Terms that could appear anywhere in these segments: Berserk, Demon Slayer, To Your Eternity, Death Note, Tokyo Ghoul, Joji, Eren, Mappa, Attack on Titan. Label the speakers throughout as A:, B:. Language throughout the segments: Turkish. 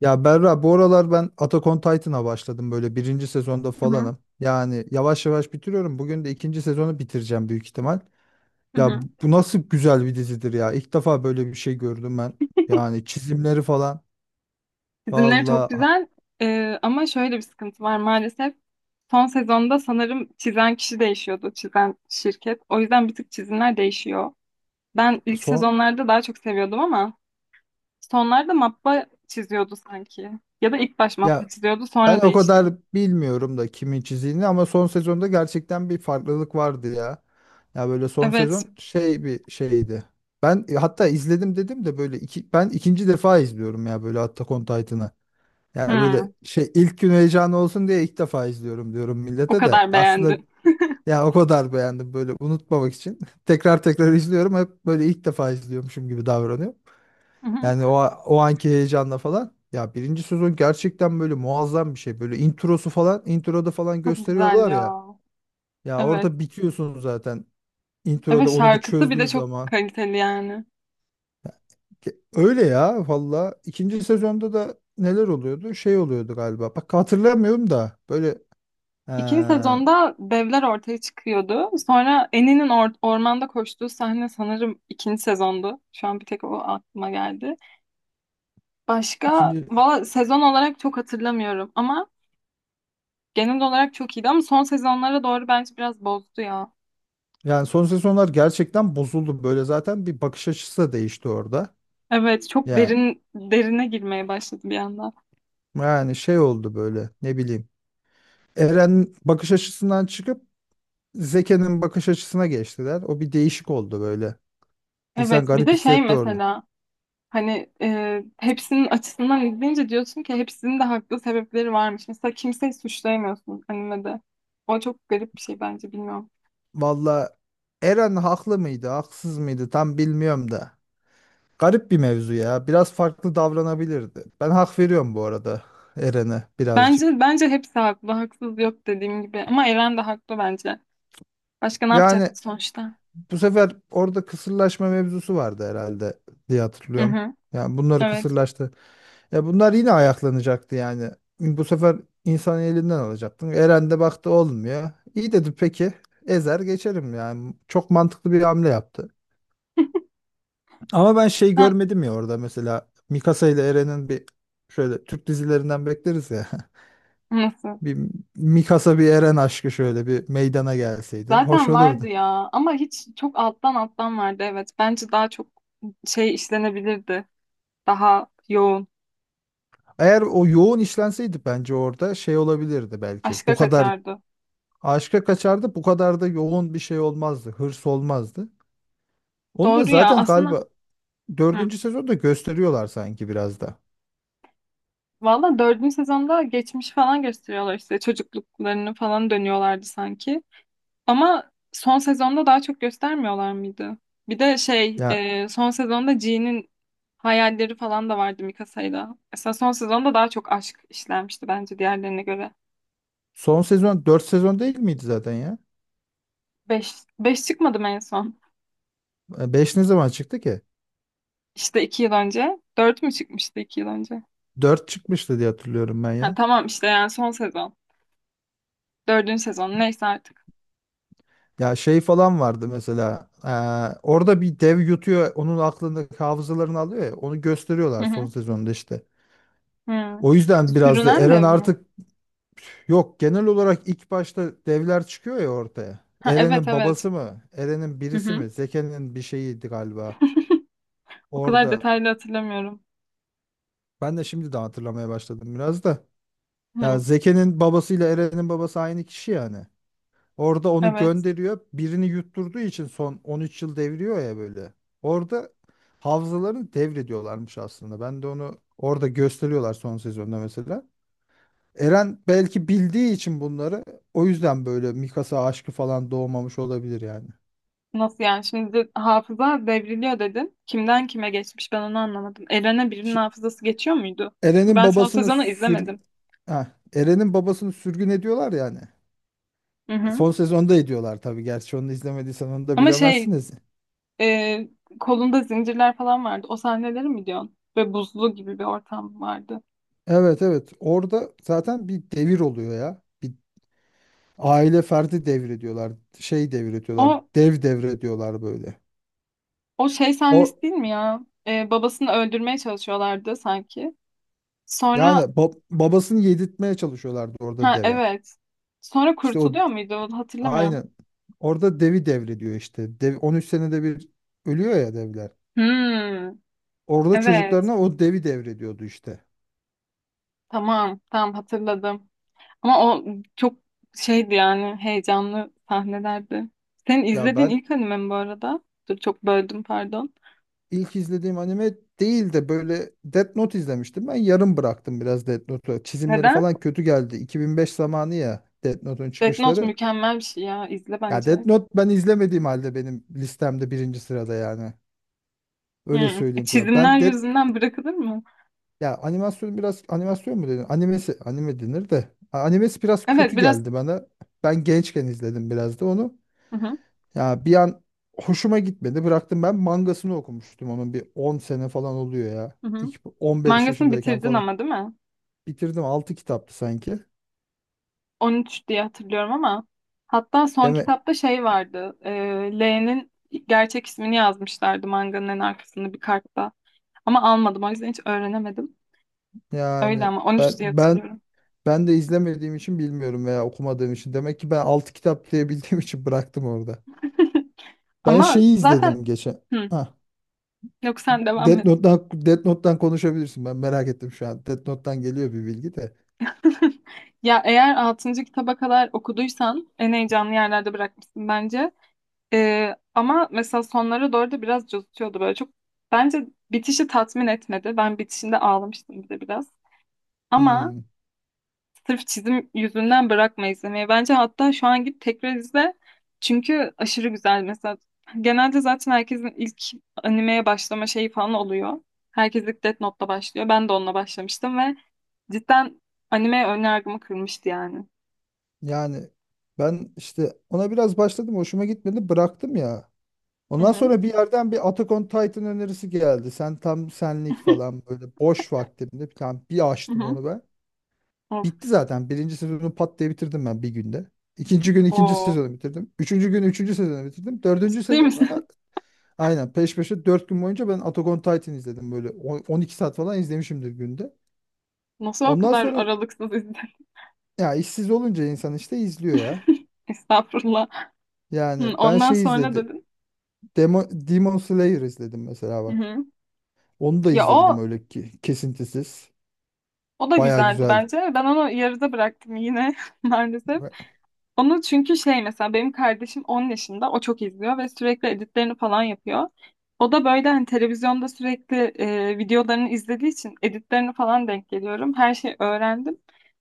A: Ya Berra, bu aralar ben Attack on Titan'a başladım, böyle birinci sezonda
B: Hı hı,
A: falanım. Yani yavaş yavaş bitiriyorum. Bugün de ikinci sezonu bitireceğim, büyük ihtimal.
B: hı
A: Ya
B: hı.
A: bu nasıl güzel bir dizidir ya! İlk defa böyle bir şey gördüm ben. Yani çizimleri falan.
B: Çizimleri çok
A: Valla
B: güzel. Ama şöyle bir sıkıntı var maalesef. Son sezonda sanırım çizen kişi değişiyordu, çizen şirket. O yüzden bir tık çizimler değişiyor. Ben ilk
A: son
B: sezonlarda daha çok seviyordum ama sonlarda mappa çiziyordu sanki. Ya da ilk baş mappa
A: ya
B: çiziyordu
A: ben
B: sonra
A: o
B: değişti.
A: kadar bilmiyorum da kimin çizdiğini, ama son sezonda gerçekten bir farklılık vardı ya. Ya, böyle son
B: Evet.
A: sezon şey bir şeydi. Ben hatta izledim dedim de, böyle ben ikinci defa izliyorum ya böyle Attack on Titan'ı. Ya, böyle
B: Hı,
A: şey, ilk gün heyecanı olsun diye ilk defa izliyorum diyorum
B: o
A: millete de.
B: kadar
A: Aslında
B: beğendim.
A: ya o kadar beğendim böyle, unutmamak için. Tekrar tekrar izliyorum, hep böyle ilk defa izliyormuşum gibi davranıyorum.
B: Hı hı.
A: Yani o anki heyecanla falan. Ya birinci sezon gerçekten böyle muazzam bir şey. Böyle introsu falan, introda falan
B: Çok güzel
A: gösteriyorlar ya.
B: ya.
A: Ya
B: Evet.
A: orada bitiyorsun zaten.
B: Evet,
A: Introda onu bir
B: şarkısı bir de
A: çözdüğün
B: çok
A: zaman.
B: kaliteli yani.
A: Öyle ya valla. İkinci sezonda da neler oluyordu? Şey oluyordu galiba. Bak hatırlamıyorum da böyle. Ee,
B: İkinci sezonda devler ortaya çıkıyordu. Sonra Annie'nin ormanda koştuğu sahne sanırım ikinci sezondu. Şu an bir tek o aklıma geldi. Başka
A: İkinci
B: valla sezon olarak çok hatırlamıyorum ama genel olarak çok iyiydi ama son sezonlara doğru bence biraz bozdu ya.
A: yani son sezonlar gerçekten bozuldu, böyle zaten bir bakış açısı da değişti orada.
B: Evet, çok
A: Yani
B: derin derine girmeye başladı bir anda.
A: yani şey oldu böyle, ne bileyim. Eren bakış açısından çıkıp Zeke'nin bakış açısına geçtiler. O bir değişik oldu böyle. İnsan
B: Evet bir
A: garip
B: de şey
A: hissetti orada.
B: mesela hani hepsinin açısından izleyince diyorsun ki hepsinin de haklı sebepleri varmış. Mesela kimseyi suçlayamıyorsun animede. O çok garip bir şey bence bilmiyorum.
A: Valla Eren haklı mıydı, haksız mıydı tam bilmiyorum da. Garip bir mevzu ya. Biraz farklı davranabilirdi. Ben hak veriyorum bu arada Eren'e, birazcık.
B: Bence hepsi haklı. Haksız yok dediğim gibi. Ama Eren de haklı bence. Başka ne
A: Yani
B: yapacaktı sonuçta?
A: bu sefer orada kısırlaşma mevzusu vardı herhalde diye
B: Hı
A: hatırlıyorum.
B: hı.
A: Yani bunları
B: Evet.
A: kısırlaştı. Ya bunlar yine ayaklanacaktı yani. Bu sefer insanı elinden alacaktın. Eren de baktı olmuyor. İyi dedi, peki. Ezer geçerim yani. Çok mantıklı bir hamle yaptı. Ama ben şey
B: Sen
A: görmedim ya orada, mesela Mikasa ile Eren'in bir, şöyle Türk dizilerinden bekleriz ya.
B: nasıl?
A: Bir Mikasa, bir Eren aşkı şöyle bir meydana gelseydi, hoş
B: Zaten vardı
A: olurdu.
B: ya. Ama hiç çok alttan alttan vardı. Evet. Bence daha çok şey işlenebilirdi. Daha yoğun.
A: Eğer o yoğun işlenseydi bence orada şey olabilirdi belki. Bu
B: Aşka
A: kadar
B: kaçardı.
A: aşka kaçardı, bu kadar da yoğun bir şey olmazdı, hırs olmazdı. Onu da
B: Doğru ya.
A: zaten
B: Aslında
A: galiba
B: hı.
A: dördüncü sezonda gösteriyorlar sanki biraz da.
B: Valla dördüncü sezonda geçmiş falan gösteriyorlar işte. Çocukluklarını falan dönüyorlardı sanki. Ama son sezonda daha çok göstermiyorlar mıydı? Bir de şey
A: Ya
B: son sezonda G'nin hayalleri falan da vardı Mikasa'yla. Mesela son sezonda daha çok aşk işlenmişti bence diğerlerine göre.
A: son sezon dört sezon değil miydi zaten ya?
B: Beş, beş çıkmadım en son.
A: Beş ne zaman çıktı ki?
B: İşte 2 yıl önce. Dört mü çıkmıştı 2 yıl önce?
A: Dört çıkmıştı diye hatırlıyorum ben
B: Ha,
A: ya.
B: tamam işte yani son sezon. Dördüncü sezon neyse artık.
A: Ya şey falan vardı mesela. Orada bir dev yutuyor, onun aklındaki hafızalarını alıyor ya. Onu
B: Hı
A: gösteriyorlar son
B: hı.
A: sezonda işte.
B: Hı.
A: O yüzden biraz da
B: Sürünen
A: Eren
B: dev mi?
A: artık. Yok, genel olarak ilk başta devler çıkıyor ya ortaya.
B: Ha, evet
A: Eren'in
B: evet.
A: babası mı? Eren'in
B: Hı
A: birisi
B: hı.
A: mi? Zeke'nin bir şeyiydi galiba.
B: O kadar
A: Orada
B: detaylı hatırlamıyorum.
A: ben de şimdi de hatırlamaya başladım biraz da. Ya
B: Hı,
A: Zeke'nin babasıyla Eren'in babası aynı kişi yani. Orada onu
B: evet.
A: gönderiyor. Birini yutturduğu için son 13 yıl devriyor ya böyle. Orada havzalarını devrediyorlarmış aslında. Ben de onu orada gösteriyorlar son sezonda mesela. Eren belki bildiği için bunları, o yüzden böyle Mikasa aşkı falan doğmamış olabilir yani.
B: Nasıl yani? Şimdi hafıza devriliyor dedin. Kimden kime geçmiş ben onu anlamadım. Eren'e birinin
A: Şi-
B: hafızası geçiyor muydu? Çünkü
A: Eren'in
B: ben son
A: babasını
B: sezonu
A: sür
B: izlemedim.
A: Heh, Eren'in babasını sürgün ediyorlar yani.
B: Hı hı.
A: Son sezonda ediyorlar tabii. Gerçi onu izlemediysen onu da
B: Ama şey
A: bilemezsiniz.
B: e, kolunda zincirler falan vardı. O sahneleri mi diyorsun? Ve buzlu gibi bir ortam vardı.
A: Evet, evet. Orada zaten bir devir oluyor ya. Bir aile ferdi devri diyorlar. Şey devri diyorlar.
B: O
A: Dev devri diyorlar böyle.
B: o şey
A: O
B: sahnesi değil mi ya? Babasını öldürmeye çalışıyorlardı sanki.
A: yani
B: Sonra
A: babasını yedirtmeye çalışıyorlardı orada
B: ha
A: deve.
B: evet. Sonra
A: İşte o.
B: kurtuluyor muydu? Hatırlamıyorum.
A: Aynen. Orada devi devrediyor işte. Dev, 13 senede bir ölüyor ya devler.
B: Hmm,
A: Orada
B: evet.
A: çocuklarına o devi devrediyordu işte.
B: Tamam, tamam hatırladım. Ama o çok şeydi yani heyecanlı sahnelerdi. Senin
A: Ya
B: izlediğin
A: ben
B: ilk anime mi bu arada? Dur çok böldüm pardon.
A: ilk izlediğim anime değil de böyle Death Note izlemiştim. Ben yarım bıraktım biraz Death Note'u. Çizimleri
B: Neden?
A: falan kötü geldi. 2005 zamanı ya Death Note'un
B: Death Note
A: çıkışları.
B: mükemmel bir şey ya. İzle
A: Ya Death
B: bence.
A: Note ben izlemediğim halde benim listemde birinci sırada yani. Öyle
B: Hı.
A: söyleyeyim sana.
B: Çizimler
A: Ben Death
B: yüzünden bırakılır mı?
A: Ya animasyon, biraz animasyon mu dedin? Animesi, anime denir de. Animesi biraz
B: Evet
A: kötü
B: biraz.
A: geldi bana. Ben gençken izledim biraz da onu.
B: Hı hı,
A: Ya bir an hoşuma gitmedi. Bıraktım, ben mangasını okumuştum onun, bir 10 sene falan oluyor ya.
B: hı hı.
A: İlk 15
B: Mangasını
A: yaşındayken
B: bitirdin
A: falan.
B: ama değil mi?
A: Bitirdim. 6 kitaptı sanki.
B: 13 diye hatırlıyorum ama. Hatta son
A: Deme
B: kitapta şey vardı. L'nin gerçek ismini yazmışlardı manganın en arkasında bir kartta. Ama almadım o yüzden hiç öğrenemedim. Öyle
A: yani.
B: ama
A: ben
B: 13 diye
A: ben
B: hatırlıyorum.
A: ben de izlemediğim için bilmiyorum veya okumadığım için. Demek ki ben 6 kitap diye bildiğim için bıraktım orada. Ben
B: Ama
A: şeyi
B: zaten.
A: izledim geçen.
B: Hı,
A: Hah.
B: yok sen devam
A: Death
B: et.
A: Note'dan, Death Note'dan konuşabilirsin. Ben merak ettim şu an. Death Note'dan geliyor bir bilgi de.
B: Ya eğer altıncı kitaba kadar okuduysan en heyecanlı yerlerde bırakmışsın bence. Ama mesela sonlara doğru da biraz cozutuyordu böyle çok. Bence bitişi tatmin etmedi. Ben bitişinde ağlamıştım bir de biraz. Ama
A: Hmm,
B: sırf çizim yüzünden bırakma izlemeyi. Bence hatta şu an git tekrar izle. Çünkü aşırı güzel mesela. Genelde zaten herkesin ilk animeye başlama şeyi falan oluyor. Herkes ilk Death Note'la başlıyor. Ben de onunla başlamıştım ve cidden anime önyargımı kırmıştı yani.
A: Yani ben işte ona biraz başladım. Hoşuma gitmedi. Bıraktım ya.
B: Hı
A: Ondan
B: hı.
A: sonra bir yerden bir Attack on Titan önerisi geldi. Sen tam senlik falan, böyle boş vaktimde bir tane bir
B: Hı
A: açtım
B: hı.
A: onu ben.
B: Of,
A: Bitti zaten. Birinci sezonu pat diye bitirdim ben bir günde. İkinci gün ikinci
B: o
A: sezonu bitirdim. Üçüncü gün üçüncü sezonu bitirdim. Dördüncü
B: ciddi
A: sezonu,
B: misin?
A: aynen peş peşe 4 gün boyunca ben Attack on Titan izledim böyle. 12 saat falan izlemişimdir günde.
B: Nasıl o
A: Ondan
B: kadar
A: sonra
B: aralıksız izledin?
A: ya, işsiz olunca insan işte izliyor ya.
B: Estağfurullah. Hı,
A: Yani ben
B: ondan
A: şey
B: sonra
A: izledim.
B: dedin.
A: Demon Slayer izledim mesela,
B: Hı
A: bak.
B: hı.
A: Onu da
B: Ya
A: izledim
B: o
A: öyle ki, kesintisiz.
B: o da
A: Baya
B: güzeldi
A: güzel.
B: bence. Ben onu yarıda bıraktım yine maalesef. Onu çünkü şey mesela benim kardeşim 10 yaşında, o çok izliyor ve sürekli editlerini falan yapıyor. O da böyle hani televizyonda sürekli videolarını izlediği için editlerini falan denk geliyorum. Her şeyi öğrendim.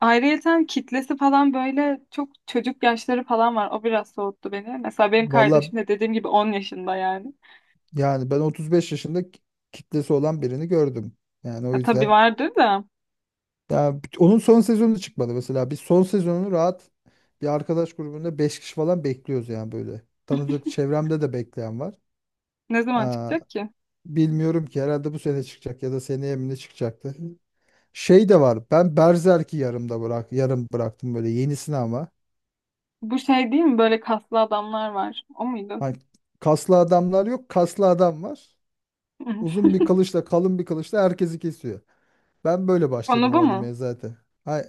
B: Ayrıyeten kitlesi falan böyle çok çocuk yaşları falan var. O biraz soğuttu beni. Mesela benim
A: Valla
B: kardeşim de dediğim gibi 10 yaşında yani.
A: yani ben 35 yaşında kitlesi olan birini gördüm. Yani o
B: Ya tabii
A: yüzden.
B: vardır da
A: Ya onun son sezonu çıkmadı mesela. Biz son sezonunu rahat, bir arkadaş grubunda 5 kişi falan bekliyoruz yani böyle. Tanıdık çevremde de bekleyen var.
B: ne zaman
A: Aa,
B: çıkacak ki?
A: bilmiyorum ki, herhalde bu sene çıkacak ya da seneye mi ne çıkacaktı. Şey de var. Ben Berserk'i yarım bıraktım böyle, yenisini ama.
B: Bu şey değil mi? Böyle kaslı adamlar var. O muydu?
A: Hani kaslı adamlar yok, kaslı adam var. Uzun bir kılıçla, kalın bir kılıçla herkesi kesiyor. Ben böyle başladım
B: Konu bu
A: o
B: mu?
A: animeye zaten. Ha,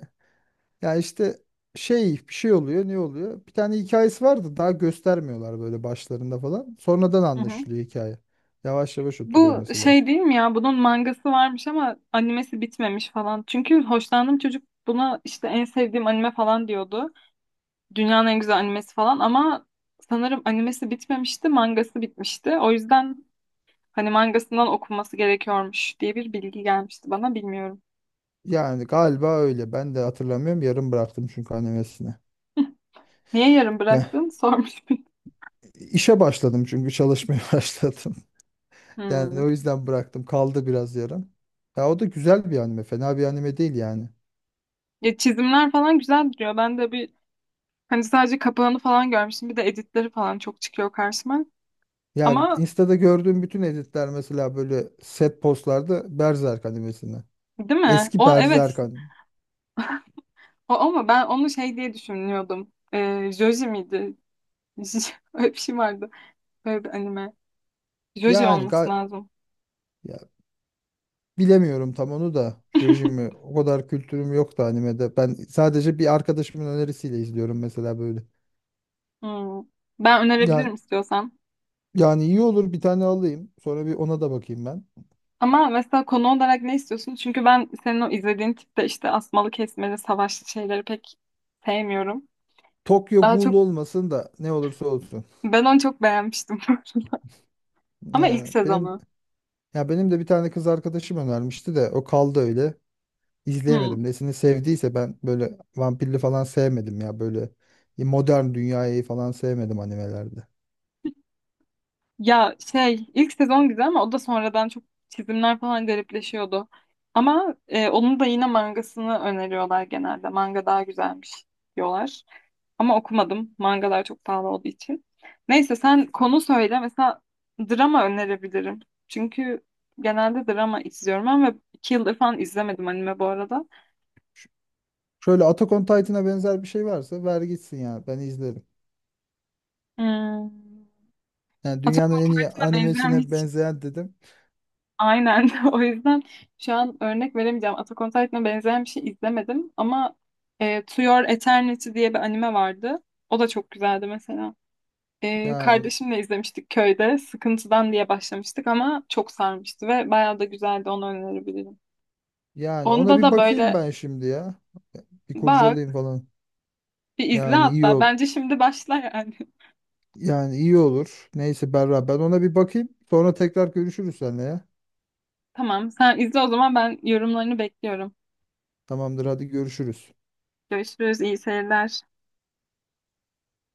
A: ya işte şey, bir şey oluyor, ne oluyor? Bir tane hikayesi vardı. Daha göstermiyorlar böyle başlarında falan. Sonradan anlaşılıyor hikaye. Yavaş yavaş oturuyor
B: Bu
A: mesela.
B: şey değil mi ya? Bunun mangası varmış ama animesi bitmemiş falan. Çünkü hoşlandığım çocuk buna işte en sevdiğim anime falan diyordu. Dünyanın en güzel animesi falan ama sanırım animesi bitmemişti, mangası bitmişti. O yüzden hani mangasından okunması gerekiyormuş diye bir bilgi gelmişti bana bilmiyorum.
A: Yani galiba öyle. Ben de hatırlamıyorum. Yarım bıraktım çünkü animesini.
B: Niye yarım
A: Ya
B: bıraktın? Sormuş.
A: işe başladım çünkü, çalışmaya başladım. Yani
B: Hmm.
A: o yüzden bıraktım. Kaldı biraz yarım. Ya o da güzel bir anime. Fena bir anime değil yani.
B: Ya çizimler falan güzel duruyor. Ben de bir hani sadece kapağını falan görmüştüm. Bir de editleri falan çok çıkıyor karşıma.
A: Ya
B: Ama
A: Insta'da gördüğüm bütün editler mesela böyle set postlarda Berserk animesinden.
B: değil mi?
A: Eski
B: O evet.
A: Berserk anime.
B: O, ama ben onu şey diye düşünüyordum. Joji miydi? Öyle bir şey vardı. Böyle bir anime. Joji
A: Yani
B: olması
A: ga-
B: lazım.
A: Ya bilemiyorum tam onu da. Jojimi o kadar kültürüm yoktu animede. Ben sadece bir arkadaşımın önerisiyle izliyorum mesela böyle.
B: Hmm. Ben
A: Yani
B: önerebilirim istiyorsan.
A: yani iyi olur, bir tane alayım. Sonra bir ona da bakayım ben.
B: Ama mesela konu olarak ne istiyorsun? Çünkü ben senin o izlediğin tipte işte asmalı kesmeli savaşlı şeyleri pek sevmiyorum.
A: Tokyo
B: Daha
A: Ghoul
B: çok
A: olmasın da ne olursa olsun.
B: ben onu çok beğenmiştim. Ama ilk
A: Yani benim
B: sezonu.
A: Ya benim de bir tane kız arkadaşım önermişti de o kaldı öyle.
B: Hmm.
A: İzleyemedim. Nesini sevdiyse, ben böyle vampirli falan sevmedim ya, böyle modern dünyayı falan sevmedim animelerde.
B: Ya şey ilk sezon güzel ama o da sonradan çok çizimler falan garipleşiyordu. Ama onun da yine mangasını öneriyorlar genelde. Manga daha güzelmiş diyorlar. Ama okumadım. Mangalar çok pahalı olduğu için. Neyse sen konu söyle. Mesela drama önerebilirim. Çünkü genelde drama izliyorum ben ve 2 yıldır falan izlemedim anime bu arada.
A: Şöyle Attack on Titan'a benzer bir şey varsa ver gitsin ya, ben izlerim.
B: Hmm.
A: Yani
B: Attack
A: dünyanın
B: on
A: en iyi
B: Titan'a benzeyen.
A: animesine benzeyen dedim.
B: Aynen. O yüzden şu an örnek veremeyeceğim. Attack on Titan'a benzeyen bir şey izlemedim ama To Your Eternity diye bir anime vardı. O da çok güzeldi mesela. E,
A: Yani
B: kardeşimle izlemiştik köyde. Sıkıntıdan diye başlamıştık ama çok sarmıştı ve bayağı da güzeldi. Onu önerebilirim.
A: yani ona
B: Onda
A: bir
B: da
A: bakayım
B: böyle
A: ben şimdi ya. Bir
B: bak
A: kurcalayayım falan.
B: bir izle
A: Yani iyi
B: hatta.
A: ol
B: Bence şimdi başla yani.
A: yani iyi olur. Neyse Berra, ben ona bir bakayım. Sonra tekrar görüşürüz seninle ya.
B: Tamam sen izle o zaman ben yorumlarını bekliyorum.
A: Tamamdır, hadi görüşürüz.
B: Görüşürüz. İyi seyirler.